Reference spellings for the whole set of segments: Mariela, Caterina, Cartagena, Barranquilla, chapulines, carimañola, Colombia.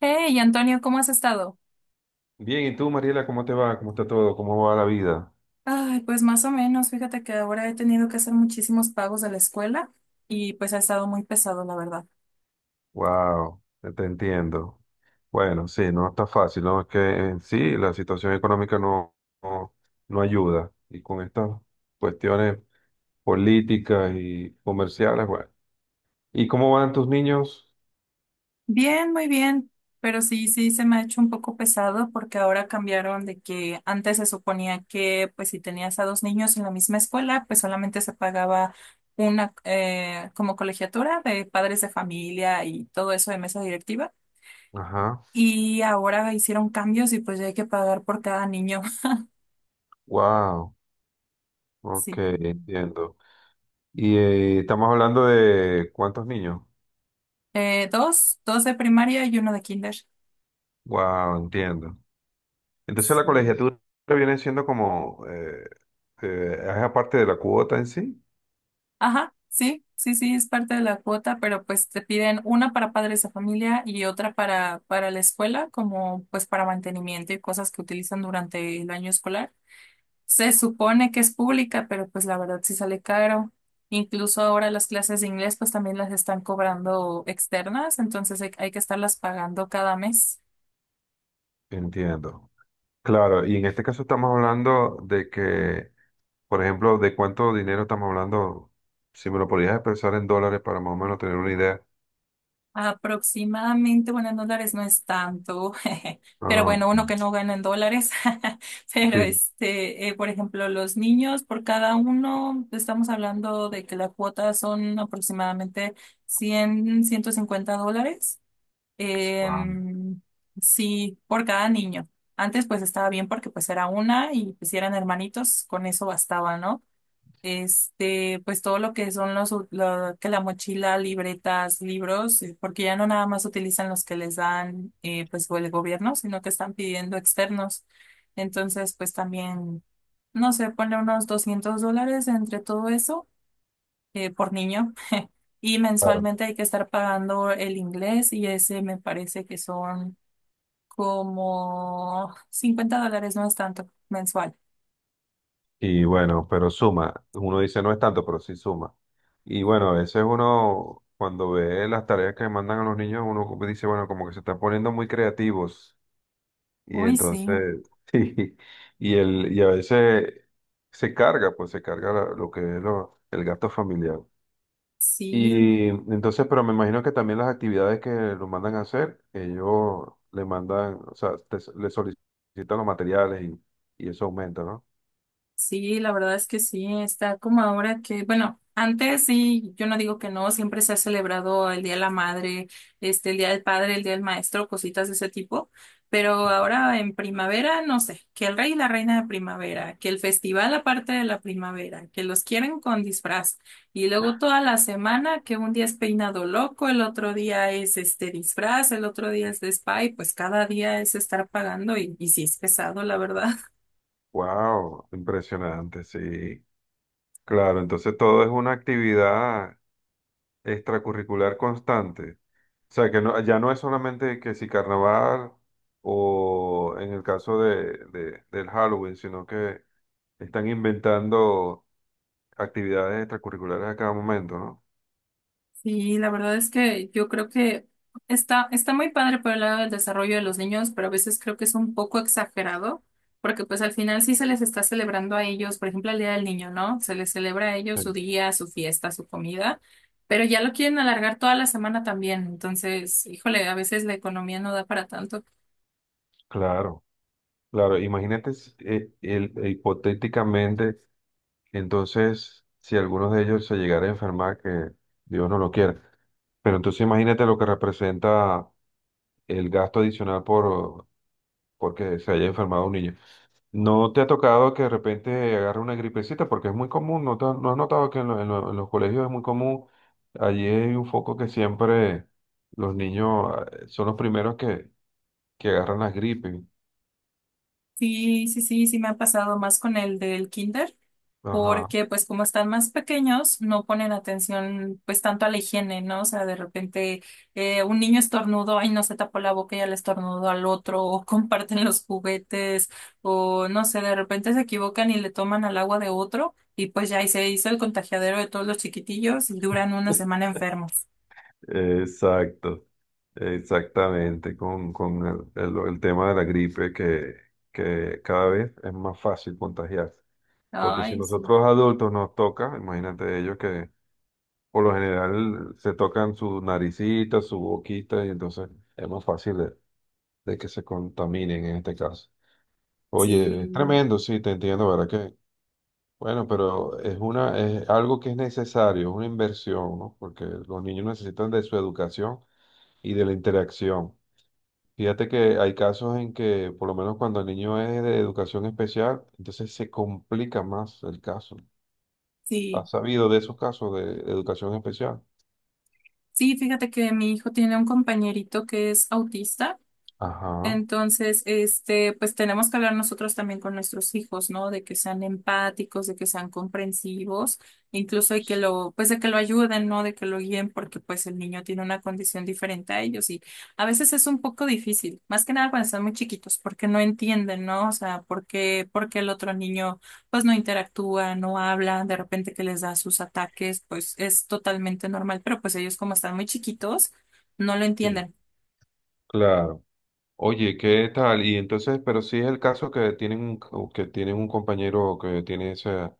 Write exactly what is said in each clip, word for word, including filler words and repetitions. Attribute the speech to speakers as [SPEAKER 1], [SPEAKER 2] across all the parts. [SPEAKER 1] Hey, Antonio, ¿cómo has estado?
[SPEAKER 2] Bien, ¿y tú, Mariela, cómo te va? ¿Cómo está todo? ¿Cómo va la vida?
[SPEAKER 1] Ay, pues más o menos, fíjate que ahora he tenido que hacer muchísimos pagos de la escuela y pues ha estado muy pesado, la verdad.
[SPEAKER 2] Wow, te entiendo. Bueno, sí, no está fácil, ¿no? Es que en sí la situación económica no, no, no ayuda. Y con estas cuestiones políticas y comerciales, bueno. ¿Y cómo van tus niños?
[SPEAKER 1] Bien, muy bien, pero sí, sí, se me ha hecho un poco pesado porque ahora cambiaron de que antes se suponía que pues si tenías a dos niños en la misma escuela, pues solamente se pagaba una eh, como colegiatura de padres de familia y todo eso de mesa directiva,
[SPEAKER 2] Ajá,
[SPEAKER 1] y ahora hicieron cambios y pues ya hay que pagar por cada niño.
[SPEAKER 2] wow, ok,
[SPEAKER 1] Sí.
[SPEAKER 2] entiendo. Y eh, estamos hablando de cuántos niños.
[SPEAKER 1] Eh, dos, dos de primaria y uno de kinder.
[SPEAKER 2] Wow, entiendo. Entonces la
[SPEAKER 1] Sí.
[SPEAKER 2] colegiatura viene siendo como, eh, eh, es aparte de la cuota en sí.
[SPEAKER 1] Ajá, sí, sí, sí, es parte de la cuota, pero pues te piden una para padres de familia y otra para, para la escuela, como pues para mantenimiento y cosas que utilizan durante el año escolar. Se supone que es pública, pero pues la verdad sí sale caro. Incluso ahora las clases de inglés pues también las están cobrando externas, entonces hay, hay que estarlas pagando cada mes.
[SPEAKER 2] Entiendo. Claro, y en este caso estamos hablando de que, por ejemplo, de cuánto dinero estamos hablando, si me lo podrías expresar en dólares para más o menos tener una idea.
[SPEAKER 1] Aproximadamente, bueno, en dólares no es tanto, pero
[SPEAKER 2] Ah,
[SPEAKER 1] bueno, uno que no gana en dólares, pero
[SPEAKER 2] sí.
[SPEAKER 1] este, eh, por ejemplo, los niños, por cada uno, estamos hablando de que la cuota son aproximadamente cien ciento cincuenta dólares,
[SPEAKER 2] Wow.
[SPEAKER 1] em, sí, por cada niño. Antes pues estaba bien porque pues era una y pues si eran hermanitos, con eso bastaba, ¿no? este, pues todo lo que son los, lo- que la mochila, libretas, libros, eh, porque ya no nada más utilizan los que les dan, eh, pues, o el gobierno, sino que están pidiendo externos. Entonces, pues también, no sé, ponle unos doscientos dólares entre todo eso, eh, por niño. Y
[SPEAKER 2] Claro.
[SPEAKER 1] mensualmente hay que estar pagando el inglés y ese me parece que son como cincuenta dólares, no es tanto, mensual.
[SPEAKER 2] Y bueno, pero suma, uno dice no es tanto, pero sí suma. Y bueno, a veces uno, cuando ve las tareas que mandan a los niños, uno como dice, bueno, como que se están poniendo muy creativos. Y
[SPEAKER 1] Uy, sí,
[SPEAKER 2] entonces, sí, y, el, y a veces se carga, pues se carga la- lo que es lo- el gasto familiar.
[SPEAKER 1] sí.
[SPEAKER 2] Y entonces, pero me imagino que también las actividades que lo mandan a hacer, ellos le mandan, o sea, te- le solicitan los materiales y, y eso aumenta, ¿no?
[SPEAKER 1] Sí, la verdad es que sí, está como ahora que, bueno, antes sí, yo no digo que no, siempre se ha celebrado el Día de la Madre, este, el Día del Padre, el Día del Maestro, cositas de ese tipo, pero ahora en primavera, no sé, que el rey y la reina de primavera, que el festival aparte de la primavera, que los quieren con disfraz, y luego toda la semana que un día es peinado loco, el otro día es este disfraz, el otro día es de spa, y pues cada día es estar pagando y, y sí es pesado, la verdad.
[SPEAKER 2] ¡Wow! Impresionante, sí. Claro, entonces todo es una actividad extracurricular constante. O sea, que no, ya no es solamente que si carnaval o en el caso de, de- del Halloween, sino que están inventando actividades extracurriculares a cada momento, ¿no?
[SPEAKER 1] Sí, la verdad es que yo creo que está, está muy padre por el lado del desarrollo de los niños, pero a veces creo que es un poco exagerado, porque pues al final sí se les está celebrando a ellos, por ejemplo, el Día del Niño, ¿no? Se les celebra a ellos su
[SPEAKER 2] Sí.
[SPEAKER 1] día, su fiesta, su comida, pero ya lo quieren alargar toda la semana también. Entonces, híjole, a veces la economía no da para tanto.
[SPEAKER 2] Claro, claro. Imagínate s- eh, el- eh, hipotéticamente, entonces, si alguno de ellos se llegara a enfermar, que Dios no lo quiera. Pero entonces imagínate lo que representa el gasto adicional por porque se haya enfermado un niño. ¿No te ha tocado que de repente agarre una gripecita? Porque es muy común, ¿no, te- no has notado que en, lo- en lo- en los colegios es muy común? Allí hay un foco que siempre los niños ah, eh, son los primeros que, que agarran las gripes.
[SPEAKER 1] Sí, sí, sí, sí me ha pasado más con el del kinder,
[SPEAKER 2] Ajá.
[SPEAKER 1] porque pues como están más pequeños, no ponen atención pues tanto a la higiene, ¿no? O sea, de repente eh, un niño estornudó y no se tapó la boca y ya le estornudó al otro, o comparten los juguetes, o no sé, de repente se equivocan y le toman al agua de otro y pues ya ahí se hizo el contagiadero de todos los chiquitillos y duran una semana enfermos.
[SPEAKER 2] Exacto, exactamente, con, con el, el- el tema de la gripe que, que cada vez es más fácil contagiarse. Porque si
[SPEAKER 1] Ay, sí,
[SPEAKER 2] nosotros adultos nos toca, imagínate ellos. Por lo general se tocan su naricita, su boquita, y entonces es más fácil de, de que se contaminen en este caso. Oye, es
[SPEAKER 1] sí,
[SPEAKER 2] tremendo, sí, te entiendo, ¿verdad que? Bueno, pero es una, es algo que es necesario, es una inversión, ¿no? Porque los niños necesitan de su educación y de la interacción. Fíjate que hay casos en que, por lo menos cuando el niño es de educación especial, entonces se complica más el caso.
[SPEAKER 1] sí.
[SPEAKER 2] ¿Has sabido de esos casos de educación especial?
[SPEAKER 1] Sí, fíjate que mi hijo tiene un compañerito que es autista.
[SPEAKER 2] Ajá.
[SPEAKER 1] Entonces, este, pues tenemos que hablar nosotros también con nuestros hijos, ¿no? De que sean empáticos, de que sean comprensivos, incluso de que lo, pues de que lo ayuden, ¿no? De que lo guíen, porque pues el niño tiene una condición diferente a ellos, y a veces es un poco difícil, más que nada cuando están muy chiquitos, porque no entienden, ¿no? O sea, porque, porque el otro niño pues no interactúa, no habla, de repente que les da sus ataques, pues es totalmente normal, pero pues ellos como están muy chiquitos, no lo
[SPEAKER 2] Sí,
[SPEAKER 1] entienden.
[SPEAKER 2] claro. Oye, ¿qué tal? Y entonces, pero sí es el caso que tienen un, o que tienen un compañero que tiene esa,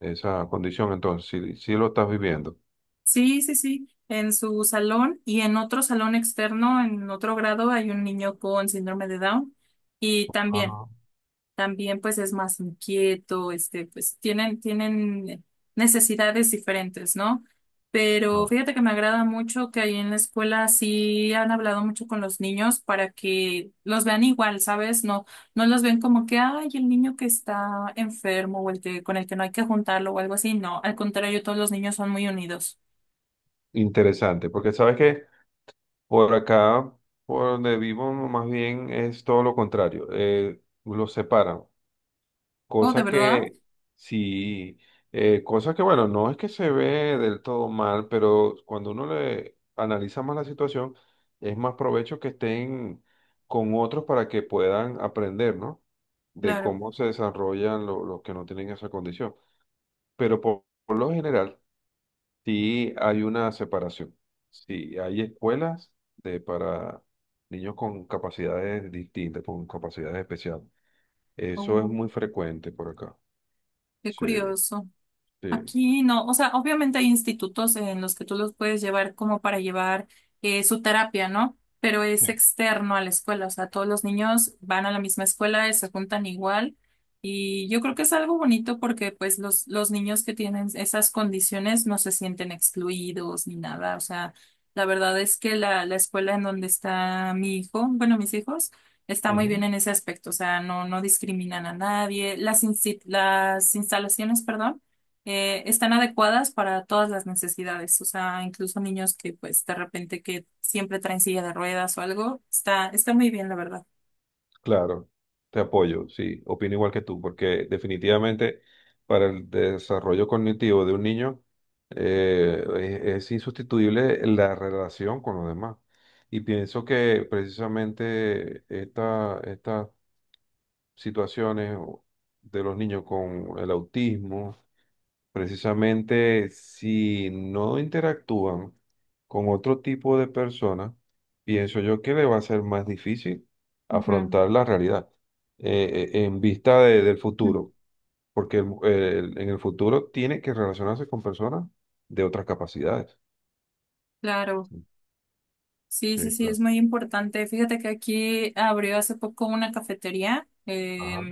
[SPEAKER 2] esa condición, entonces, sí, sí lo estás viviendo.
[SPEAKER 1] Sí, sí, sí, en su salón y en otro salón externo, en otro grado, hay un niño con síndrome de Down, y también,
[SPEAKER 2] Ah.
[SPEAKER 1] también pues es más inquieto, este, pues tienen, tienen necesidades diferentes, ¿no? Pero
[SPEAKER 2] Ah.
[SPEAKER 1] fíjate que me agrada mucho que ahí en la escuela sí han hablado mucho con los niños para que los vean igual, ¿sabes? No, no los ven como que, ay, el niño que está enfermo o el que, con el que no hay que juntarlo o algo así, no, al contrario, todos los niños son muy unidos.
[SPEAKER 2] Interesante, porque sabes que por acá, por donde vivo, más bien es todo lo contrario. Eh, los separan.
[SPEAKER 1] Oh, ¿de
[SPEAKER 2] Cosa
[SPEAKER 1] verdad?
[SPEAKER 2] que, sí, eh, cosa que, bueno, no es que se ve del todo mal, pero cuando uno le analiza más la situación, es más provecho que estén con otros para que puedan aprender, ¿no? De
[SPEAKER 1] Claro.
[SPEAKER 2] cómo se desarrollan lo- los que no tienen esa condición. Pero por, por lo general, sí hay una separación. Sí, hay escuelas de, para niños con capacidades distintas, con capacidades especiales. Eso es muy
[SPEAKER 1] Oh,
[SPEAKER 2] frecuente por acá.
[SPEAKER 1] qué
[SPEAKER 2] Sí.
[SPEAKER 1] curioso.
[SPEAKER 2] Sí,
[SPEAKER 1] Aquí no, o sea, obviamente hay institutos en los que tú los puedes llevar como para llevar eh, su terapia, ¿no? Pero es externo a la escuela, o sea, todos los niños van a la misma escuela y se juntan igual. Y yo creo que es algo bonito porque pues los, los niños que tienen esas condiciones no se sienten excluidos ni nada, o sea, la verdad es que la, la escuela en donde está mi hijo, bueno, mis hijos, está muy bien
[SPEAKER 2] ujú.
[SPEAKER 1] en ese aspecto, o sea, no, no discriminan a nadie, las, insti- las instalaciones, perdón, eh, están adecuadas para todas las necesidades, o sea, incluso niños que pues de repente que siempre traen silla de ruedas o algo, está, está muy bien, la verdad.
[SPEAKER 2] Claro, te apoyo, sí, opino igual que tú, porque definitivamente para el desarrollo cognitivo de un niño eh, es, es insustituible la relación con los demás. Y pienso que precisamente esta, esta situaciones de los niños con el autismo. Precisamente si no interactúan con otro tipo de personas, pienso yo que le va a ser más difícil
[SPEAKER 1] Ujú.
[SPEAKER 2] afrontar la realidad eh, eh, en vista de- del
[SPEAKER 1] Mm.
[SPEAKER 2] futuro, porque el- el- en el futuro tiene que relacionarse con personas de otras capacidades.
[SPEAKER 1] Claro. Sí,
[SPEAKER 2] Sí,
[SPEAKER 1] sí, sí, es
[SPEAKER 2] claro.
[SPEAKER 1] muy importante. Fíjate que aquí abrió hace poco una cafetería eh,
[SPEAKER 2] Ajá.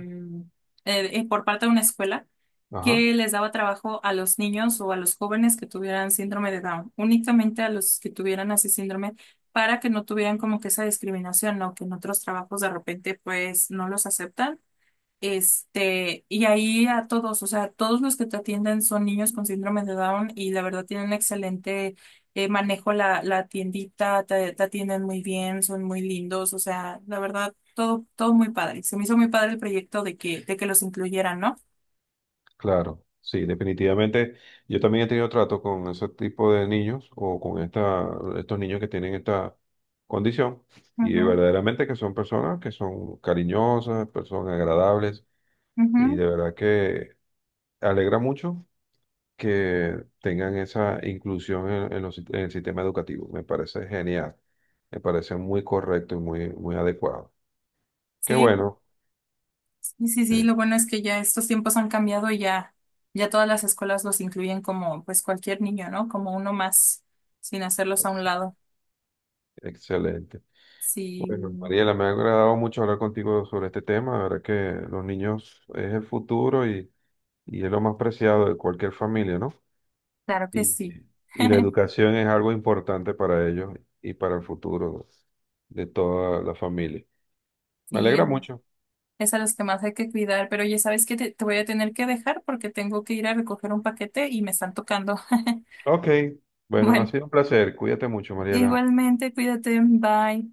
[SPEAKER 1] eh, eh, por parte de una escuela
[SPEAKER 2] Ajá.
[SPEAKER 1] que les daba trabajo a los niños o a los jóvenes que tuvieran síndrome de Down, únicamente a los que tuvieran así síndrome para que no tuvieran como que esa discriminación, ¿no? Que en otros trabajos de repente pues no los aceptan, este, y ahí a todos, o sea, todos los que te atienden son niños con síndrome de Down y la verdad tienen excelente eh, manejo la, la tiendita, te, te atienden muy bien, son muy lindos, o sea, la verdad, todo, todo muy padre. Se me hizo muy padre el proyecto de que, de que los incluyeran, ¿no?
[SPEAKER 2] Claro, sí, definitivamente. Yo también he tenido trato con ese tipo de niños o con esta, estos niños que tienen esta condición y
[SPEAKER 1] Ujú,
[SPEAKER 2] verdaderamente que son personas que son cariñosas, personas agradables y
[SPEAKER 1] ujú.
[SPEAKER 2] de verdad que alegra mucho que tengan esa inclusión en, en los- sit- en el sistema educativo. Me parece genial, me parece muy correcto y muy, muy adecuado. Qué
[SPEAKER 1] Sí, pues,
[SPEAKER 2] bueno.
[SPEAKER 1] sí, sí, sí, lo bueno es que ya estos tiempos han cambiado y ya, ya todas las escuelas los incluyen como pues cualquier niño, ¿no? Como uno más, sin hacerlos a un
[SPEAKER 2] Sí.
[SPEAKER 1] lado.
[SPEAKER 2] Excelente.
[SPEAKER 1] Sí,
[SPEAKER 2] Bueno, Mariela, me ha agradado mucho hablar contigo sobre este tema. La verdad que los niños es el futuro y, y es lo más preciado de cualquier familia, ¿no?
[SPEAKER 1] claro que
[SPEAKER 2] Y,
[SPEAKER 1] sí.
[SPEAKER 2] y la educación es algo importante para ellos y para el futuro de toda la familia. Me
[SPEAKER 1] Sí,
[SPEAKER 2] alegra
[SPEAKER 1] es,
[SPEAKER 2] mucho.
[SPEAKER 1] es a los que más hay que cuidar, pero ya sabes que te, te voy a tener que dejar porque tengo que ir a recoger un paquete y me están tocando.
[SPEAKER 2] Ok. Bueno, ha
[SPEAKER 1] Bueno,
[SPEAKER 2] sido un placer. Cuídate mucho, Mariela.
[SPEAKER 1] igualmente, cuídate, bye.